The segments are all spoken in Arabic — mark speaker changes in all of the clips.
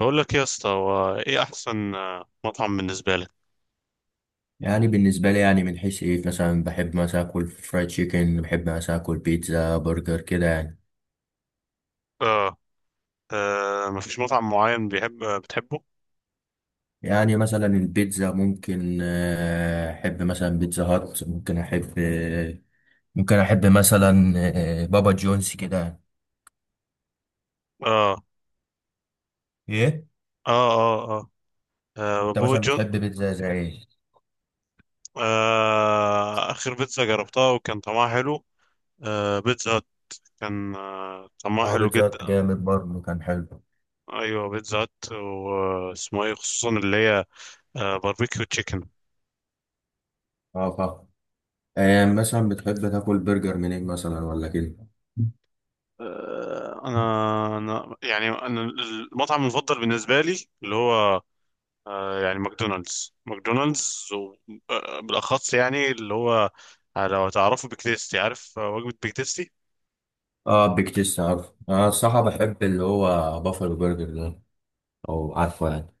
Speaker 1: بقول لك يا اسطى، هو ايه احسن مطعم بالنسبه لك؟
Speaker 2: يعني بالنسبة لي، يعني من حيث ايه مثلا، بحب مثلا اكل فرايد تشيكن، بحب مثلا اكل بيتزا برجر كده يعني.
Speaker 1: اه، مفيش مطعم معين، بيحب آه، بتحبه؟
Speaker 2: يعني مثلا البيتزا ممكن احب مثلا بيتزا هات، ممكن احب ممكن احب مثلا بابا جونز كده يعني.
Speaker 1: اه،
Speaker 2: ايه،
Speaker 1: اه، اه، اه،
Speaker 2: انت
Speaker 1: بابا
Speaker 2: مثلا
Speaker 1: جون.
Speaker 2: بتحب بيتزا زي ايه؟
Speaker 1: اخر بيتزا جربتها وكان طعمها حلو. بيتزا هت. كان طعمها
Speaker 2: اه،
Speaker 1: حلو
Speaker 2: بيتزا
Speaker 1: جدا.
Speaker 2: هات جامد برضه، كان حلو.
Speaker 1: ايوه، بيتزا هت، واسمه ايه خصوصا اللي هي باربيكيو تشيكن.
Speaker 2: اه فا مثلا بتحب تاكل برجر منين مثلا ولا كده؟
Speaker 1: انا يعني انا المطعم المفضل بالنسبه لي اللي هو، يعني ماكدونالدز، بالاخص يعني اللي هو لو تعرفوا بيك تيستي، عارف وجبة بيك تيستي.
Speaker 2: اه، بيك تيست، عارف انا الصراحة بحب اللي هو بافلو برجر ده، او عارفه يعني،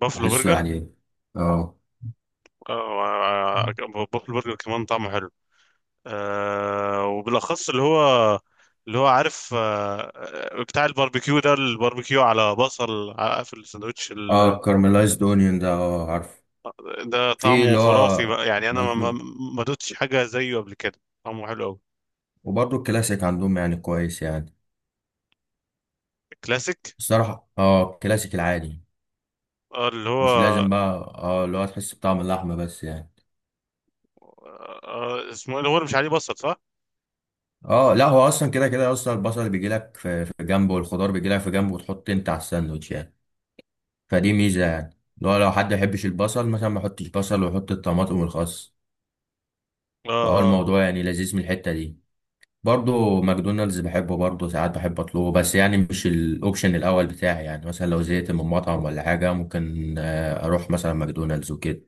Speaker 1: بافلو
Speaker 2: بحسه
Speaker 1: برجر.
Speaker 2: يعني. اه.
Speaker 1: آه، آه، بافلو برجر كمان طعمه حلو، وبالاخص اللي هو، اللي هو عارف، بتاع الباربيكيو، ده الباربيكيو على بصل، في الساندوتش
Speaker 2: اه كارملايزد اونيون ده، اه عارف.
Speaker 1: ده
Speaker 2: في اللي
Speaker 1: طعمه
Speaker 2: هو
Speaker 1: خرافي بقى، يعني انا ما
Speaker 2: بطلب
Speaker 1: ما دوتش حاجة زيه قبل كده، طعمه حلو قوي.
Speaker 2: وبرضه الكلاسيك عندهم يعني كويس يعني.
Speaker 1: كلاسيك.
Speaker 2: الصراحة اه الكلاسيك العادي،
Speaker 1: اللي
Speaker 2: مش
Speaker 1: هو
Speaker 2: لازم بقى اه اللي هو تحس بطعم اللحمة بس يعني.
Speaker 1: اسمه إيه؟ اللي هو اللي مش عليه بصل، صح؟
Speaker 2: اه لا، هو اصلا كده كده اصلا البصل بيجي لك في جنبه، والخضار بيجي لك في جنبه، وتحط انت على الساندوتش يعني. فدي ميزة يعني، اللي هو لو حد ما يحبش البصل مثلا، ما يحطش بصل ويحط الطماطم والخس. فهو
Speaker 1: اه.
Speaker 2: الموضوع يعني لذيذ من الحتة دي. برضه ماكدونالدز بحبه، برضه ساعات بحب اطلبه، بس يعني مش الاوبشن الاول بتاعي يعني. مثلا لو زهقت من مطعم ولا حاجه، ممكن اروح مثلا ماكدونالدز وكده.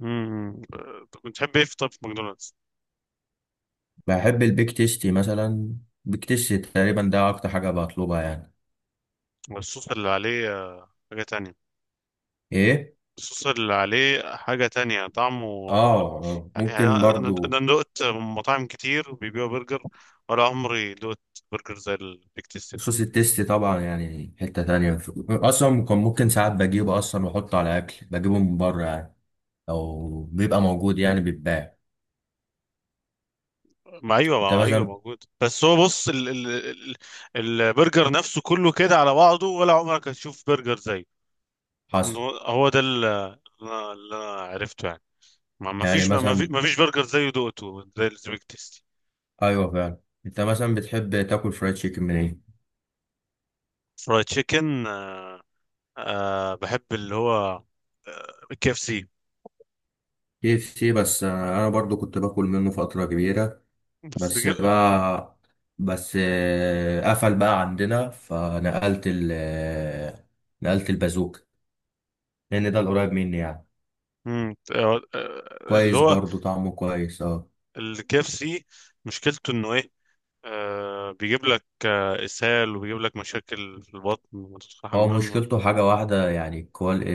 Speaker 1: طب بتحب ايه في، طب في ماكدونالدز؟
Speaker 2: بحب البيك تيستي مثلا، بيك تيستي تقريبا ده اكتر حاجه بطلبها يعني.
Speaker 1: الصوص اللي عليه حاجة تانية.
Speaker 2: ايه؟
Speaker 1: الصوص اللي عليه حاجة تانية طعمه.
Speaker 2: اه،
Speaker 1: يعني
Speaker 2: ممكن
Speaker 1: أنا أنا
Speaker 2: برضه.
Speaker 1: أنا دقت مطاعم كتير بيبيعوا برجر، ولا عمري دقت برجر زي البيك تيستي ده.
Speaker 2: صوص التيستي طبعا يعني حته تانية، اصلا كان ممكن ساعات بجيبه اصلا واحطه على اكل بجيبه من بره يعني، او بيبقى موجود يعني بيتباع.
Speaker 1: ما أيوه،
Speaker 2: انت
Speaker 1: ما أيوه
Speaker 2: مثلا
Speaker 1: موجود، بس هو بص ال ال ال البرجر نفسه كله كده على بعضه، ولا عمرك هتشوف برجر زيه.
Speaker 2: حصل.
Speaker 1: هو ده اللي أنا عرفته يعني. ما ما
Speaker 2: يعني
Speaker 1: فيش ما ما في-
Speaker 2: مثلا
Speaker 1: ما فيش برجر زيه دقته زي البيك تيستي.
Speaker 2: ايوه فعلا، انت مثلا بتحب تاكل فرايد تشيكن من ايه؟
Speaker 1: فرايد تشيكن. بحب اللي هو كي اف سي.
Speaker 2: كي اف سي بس انا برضو كنت باكل منه فتره كبيره،
Speaker 1: بس،
Speaker 2: بس بقى، بس قفل بقى عندنا، فنقلت ال نقلت البازوك، لان ده القريب مني يعني.
Speaker 1: اللي
Speaker 2: كويس
Speaker 1: هو
Speaker 2: برضو طعمه كويس، اه.
Speaker 1: الكي اف سي، مشكلته انه ايه. بيجيب لك اسهال، وبيجيب لك مشاكل في البطن وتدخل
Speaker 2: هو
Speaker 1: الحمام.
Speaker 2: مشكلته حاجة واحدة يعني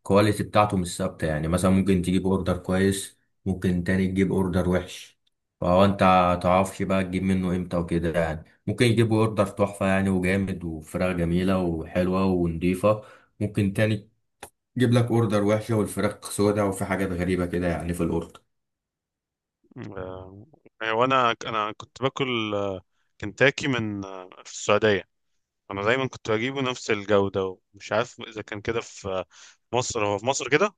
Speaker 2: الكواليتي بتاعته مش ثابتة يعني، مثلا ممكن تجيب اوردر كويس، ممكن تاني تجيب اوردر وحش. فهو انت متعرفش بقى تجيب منه امتى وكده يعني. ممكن يجيب اوردر تحفة يعني، وجامد وفراخ جميلة وحلوة ونضيفة، ممكن تاني يجيب لك اوردر وحشة والفراخ سودة وفي حاجات غريبة كده يعني في الاوردر.
Speaker 1: وانا انا كنت باكل كنتاكي من آه، في السعوديه. انا دايما كنت بجيبه نفس الجوده، ومش عارف اذا كان كده في مصر، هو في مصر كده.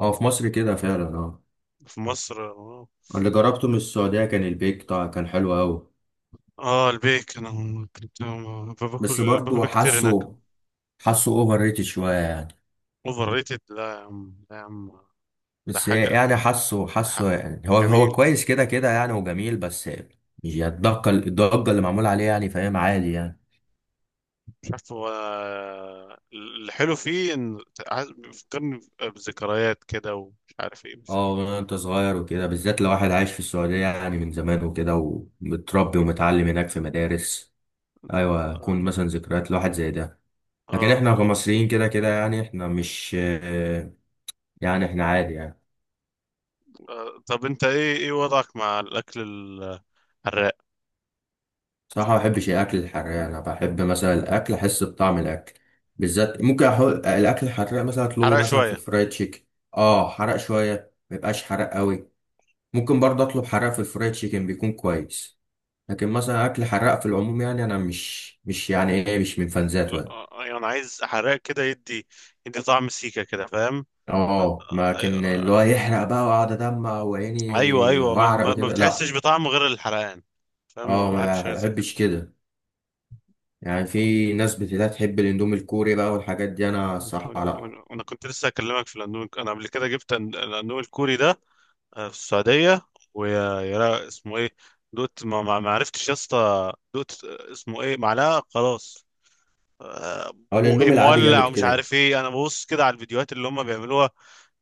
Speaker 2: اه في مصر كده فعلا اه.
Speaker 1: في مصر.
Speaker 2: اللي جربته من السعودية كان البيك، طبعا كان حلو أوي،
Speaker 1: اه، البيك. انا كنت
Speaker 2: بس
Speaker 1: باكل
Speaker 2: برضه
Speaker 1: بيك كتير هناك.
Speaker 2: حاسه اوفر ريتد شوية يعني.
Speaker 1: اوفر ريتد، لا يا عم، لا يا عم. ده
Speaker 2: بس
Speaker 1: حاجه،
Speaker 2: يعني حاسه
Speaker 1: ده حق.
Speaker 2: حاسه يعني، هو
Speaker 1: جميل.
Speaker 2: كويس كده كده يعني، وجميل. بس مش الضجة اللي معمول عليه يعني، فاهم، عادي يعني.
Speaker 1: مش عارف، هو الحلو فيه ان بيفكرني بذكريات كده، ومش عارف ايه، مش...
Speaker 2: اه من انت صغير وكده، بالذات لو واحد عايش في السعودية يعني من زمان وكده، ومتربي ومتعلم هناك في مدارس، ايوه يكون
Speaker 1: آه.
Speaker 2: مثلا ذكريات لواحد زي ده. لكن
Speaker 1: آه.
Speaker 2: احنا كمصريين كده كده يعني، احنا مش آه، يعني احنا عادي يعني.
Speaker 1: طب انت، ايه وضعك مع الاكل الحراق؟
Speaker 2: صراحة ما بحبش الأكل الحراق. أنا بحب مثلا الأكل أحس بطعم الأكل. بالذات ممكن أحط الأكل الحراق مثلا، أطلبه
Speaker 1: حراق
Speaker 2: مثلا في
Speaker 1: شويه.
Speaker 2: الفرايد تشيكن. أه حرق شوية، ما يبقاش حرق قوي. ممكن برضه أطلب حرق في الفرايد تشيكن بيكون كويس. لكن مثلا أكل حراق في العموم، يعني أنا مش يعني إيه، مش من فان ذاته
Speaker 1: لا،
Speaker 2: يعني.
Speaker 1: يعني عايز حراق كده يدي طعم سيكه كده، فاهم؟
Speaker 2: أه لكن
Speaker 1: آه،
Speaker 2: اللي هو يحرق بقى وأقعد أدمع
Speaker 1: ايوه،
Speaker 2: وعيني
Speaker 1: ايوه،
Speaker 2: وأعرق
Speaker 1: ما
Speaker 2: وكده،
Speaker 1: بتحسش
Speaker 2: لأ.
Speaker 1: بطعمه غير الحرقان، فاهم؟
Speaker 2: أه
Speaker 1: ما
Speaker 2: ما
Speaker 1: بحبش غير زي كده.
Speaker 2: بحبش كده. يعني في ناس بتلاقي تحب الأندومي الكوري بقى والحاجات دي، أنا الصراحة لأ.
Speaker 1: انا كنت لسه اكلمك في الاندومي، انا قبل كده جبت الاندومي الكوري ده في السعوديه. ويا اسمه ايه؟ دوت، ما عرفتش يا اسطى، دوت، اسمه ايه، معلقه خلاص. آه،
Speaker 2: اه
Speaker 1: بقي
Speaker 2: الاندومي العادي
Speaker 1: مولع،
Speaker 2: جامد
Speaker 1: ومش
Speaker 2: كده.
Speaker 1: عارف ايه، انا ببص كده على الفيديوهات اللي هم بيعملوها،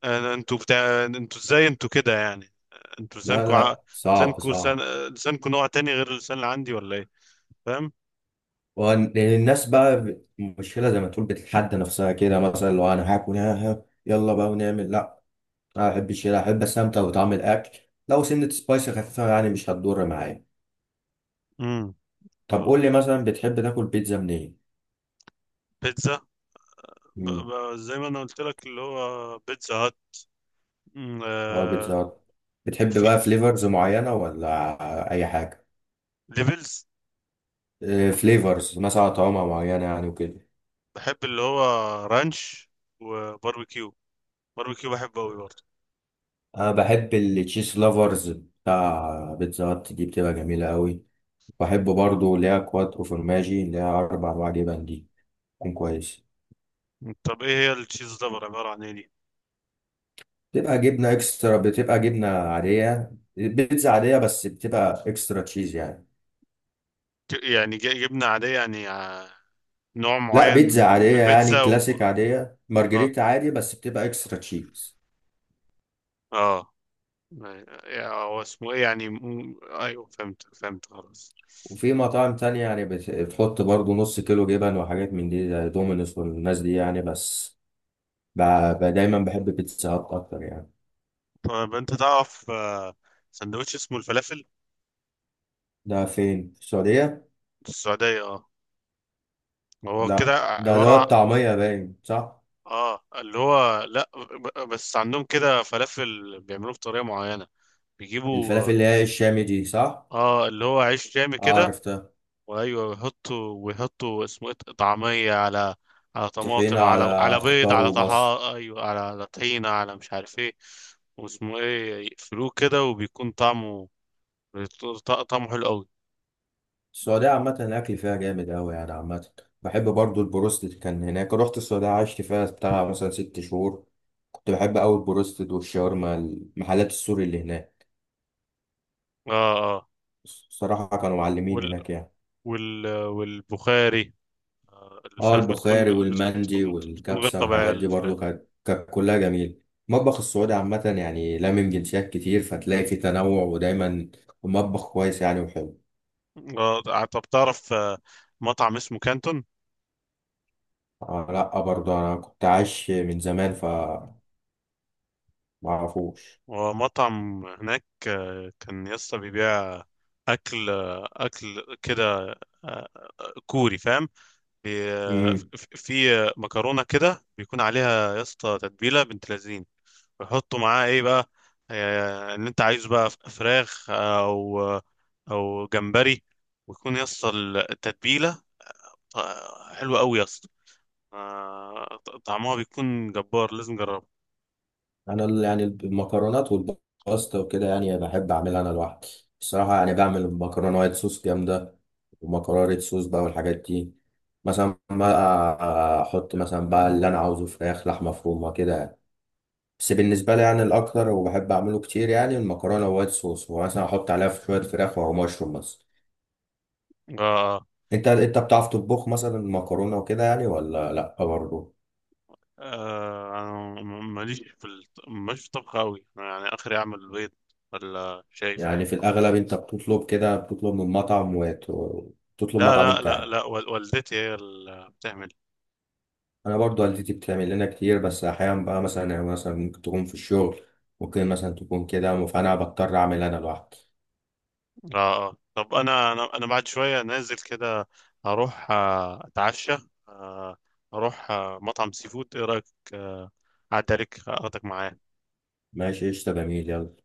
Speaker 1: انتوا بتاع، انتوا ازاي، انتوا كده يعني. انتوا
Speaker 2: لا
Speaker 1: لسانكوا
Speaker 2: لا، صعب صعب.
Speaker 1: لسانكوا نوع تاني غير اللسان اللي عندي، ولا ايه؟ فاهم؟
Speaker 2: لان الناس بقى مشكلة زي ما تقول بتتحدى نفسها كده، مثلا لو انا هاكل ها ها يلا بقى ونعمل، لا. انا ما بحبش كده، احب استمتع بطعم الاكل. لو سنة سبايسي خفيفة يعني مش هتضر معايا. طب قول لي
Speaker 1: امم
Speaker 2: مثلا بتحب تاكل بيتزا منين؟
Speaker 1: بيتزا.
Speaker 2: مم،
Speaker 1: زي ما انا قلت لك، اللي هو بيتزا هات. مم،
Speaker 2: اه بيتزا
Speaker 1: آه،
Speaker 2: هات. بتحب
Speaker 1: في
Speaker 2: بقى
Speaker 1: في-
Speaker 2: فليفرز معينة ولا اي حاجة؟
Speaker 1: ليفلز.
Speaker 2: آه، فليفرز مثلا طعمة معينة يعني وكده.
Speaker 1: بحب اللي هو رانش وباربيكيو. باربيكيو بحبه قوي برضه.
Speaker 2: انا بحب التشيز لافرز بتاع بيتزا هات دي، بتبقى جميلة قوي. بحب برضو اللي هي كوات او فورماجي، اللي هي اربع انواع جبن دي، تكون كويس.
Speaker 1: طب ايه هي التشيز دبر، عبارة عن ايه دي؟
Speaker 2: بتبقى جبنه اكسترا، بتبقى جبنه عاديه، بيتزا عاديه بس بتبقى اكسترا تشيز يعني.
Speaker 1: يعني جبنة عادية، يعني نوع
Speaker 2: لا،
Speaker 1: معين
Speaker 2: بيتزا
Speaker 1: من
Speaker 2: عاديه يعني
Speaker 1: البيتزا
Speaker 2: كلاسيك
Speaker 1: و...
Speaker 2: عاديه،
Speaker 1: اه،
Speaker 2: مارجريتا عادي، بس بتبقى اكسترا تشيز.
Speaker 1: اه، يعني هو اسمه ايه يعني، ايوه، فهمت فهمت خلاص.
Speaker 2: وفي مطاعم تانية يعني بتحط برضو نص كيلو جبن وحاجات من دي زي دومينوس والناس دي يعني. بس ب- دايما بحب بيتزا هات اكتر يعني.
Speaker 1: طب انت تعرف سندوتش اسمه الفلافل؟
Speaker 2: ده فين، في السعوديه؟
Speaker 1: في السعودية، اه. هو كده
Speaker 2: لا ده
Speaker 1: عبارة.
Speaker 2: دوت طعميه باين، صح؟
Speaker 1: اه اللي هو، لا، بس عندهم كده فلافل بيعملوه بطريقه معينه، بيجيبوا،
Speaker 2: الفلافل اللي هي الشامي دي، صح؟
Speaker 1: اه اللي هو، عيش جامي
Speaker 2: اه
Speaker 1: كده،
Speaker 2: عرفتها.
Speaker 1: وايوه، ويحطوا اسمه إيه؟ طعميه على، على
Speaker 2: طحينة
Speaker 1: طماطم، على
Speaker 2: على
Speaker 1: بيض،
Speaker 2: خضار
Speaker 1: على
Speaker 2: وبصل.
Speaker 1: طحا، ايوه، على طحينه، على مش عارف ايه، واسمه ايه، يقفلوه كده، وبيكون طعمه طعمه حلو قوي.
Speaker 2: السعودية عامة الأكل فيها جامد أوي يعني عامة. بحب برضو البروستد، كان هناك رحت السعودية عشت فيها بتاع مثلا ست شهور. كنت بحب أوي البروستد والشاورما، المحلات السوري اللي هناك،
Speaker 1: اه، اه،
Speaker 2: الصراحة كانوا معلمين
Speaker 1: وال
Speaker 2: هناك يعني.
Speaker 1: والبخاري،
Speaker 2: اه
Speaker 1: الفراخ
Speaker 2: البخاري
Speaker 1: بتكون
Speaker 2: والمندي
Speaker 1: بتكون بتكون غير
Speaker 2: والكبسة
Speaker 1: طبيعيه
Speaker 2: والحاجات دي
Speaker 1: الفراخ.
Speaker 2: برضو، كانت كانت كلها جميلة. المطبخ السعودي عامة يعني لامم جنسيات كتير، فتلاقي فيه تنوع ودايما المطبخ كويس يعني وحلو.
Speaker 1: طب تعرف مطعم اسمه كانتون؟
Speaker 2: آه لا، برضه انا كنت عايش من زمان، فما اعرفوش.
Speaker 1: ومطعم هناك، كان يسطا بيبيع أكل كده، آه، كوري، فاهم؟ بي- آه،
Speaker 2: امم،
Speaker 1: في في، آه، مكرونة كده بيكون عليها يسطا تتبيلة بنت لذين، بيحطوا معاها إيه بقى، اللي أنت عايزه بقى، فراخ أو أو جمبري، ويكون يسطا التتبيلة حلوة أوي يسطا، آه، طعمها بيكون جبار، لازم جربه.
Speaker 2: انا يعني المكرونات والباستا وكده يعني بحب اعملها انا لوحدي الصراحه يعني. بعمل مكرونه وايت صوص جامده، ومكرونه ريد صوص بقى والحاجات دي. مثلا بقى احط مثلا بقى اللي انا عاوزه، فراخ، لحمه مفرومه كده يعني. بس بالنسبه لي يعني الاكتر وبحب اعمله كتير يعني المكرونه وايت صوص، ومثلا احط عليها شويه فراخ او مشروم مثلا.
Speaker 1: آه
Speaker 2: انت بتعرف تطبخ مثلا مكرونه وكده يعني، ولا لا برضه؟
Speaker 1: أنا ماليش في الطبخ أوي، يعني آخري أعمل بيض ولا شاي،
Speaker 2: يعني
Speaker 1: فاهم؟
Speaker 2: في الأغلب أنت بتطلب كده، بتطلب من مطعم، وتطلب
Speaker 1: لا،
Speaker 2: مطعم
Speaker 1: لا،
Speaker 2: أنت
Speaker 1: لا،
Speaker 2: يعني.
Speaker 1: لا، والدتي هي اللي بتعمل.
Speaker 2: أنا برضو والدتي بتعمل لنا كتير، بس أحيانا بقى مثلا يعني، مثلا ممكن تكون في الشغل، ممكن مثلا تكون كده، فأنا بضطر أعمل أنا لوحدي.
Speaker 1: طب أنا بعد شوية نازل كده، هروح أتعشى، آه، أروح مطعم سي فود، إيه رأيك؟ آه، أعدي عليك أخدك معايا.
Speaker 2: ماشي، قشطة، جميل، يلا.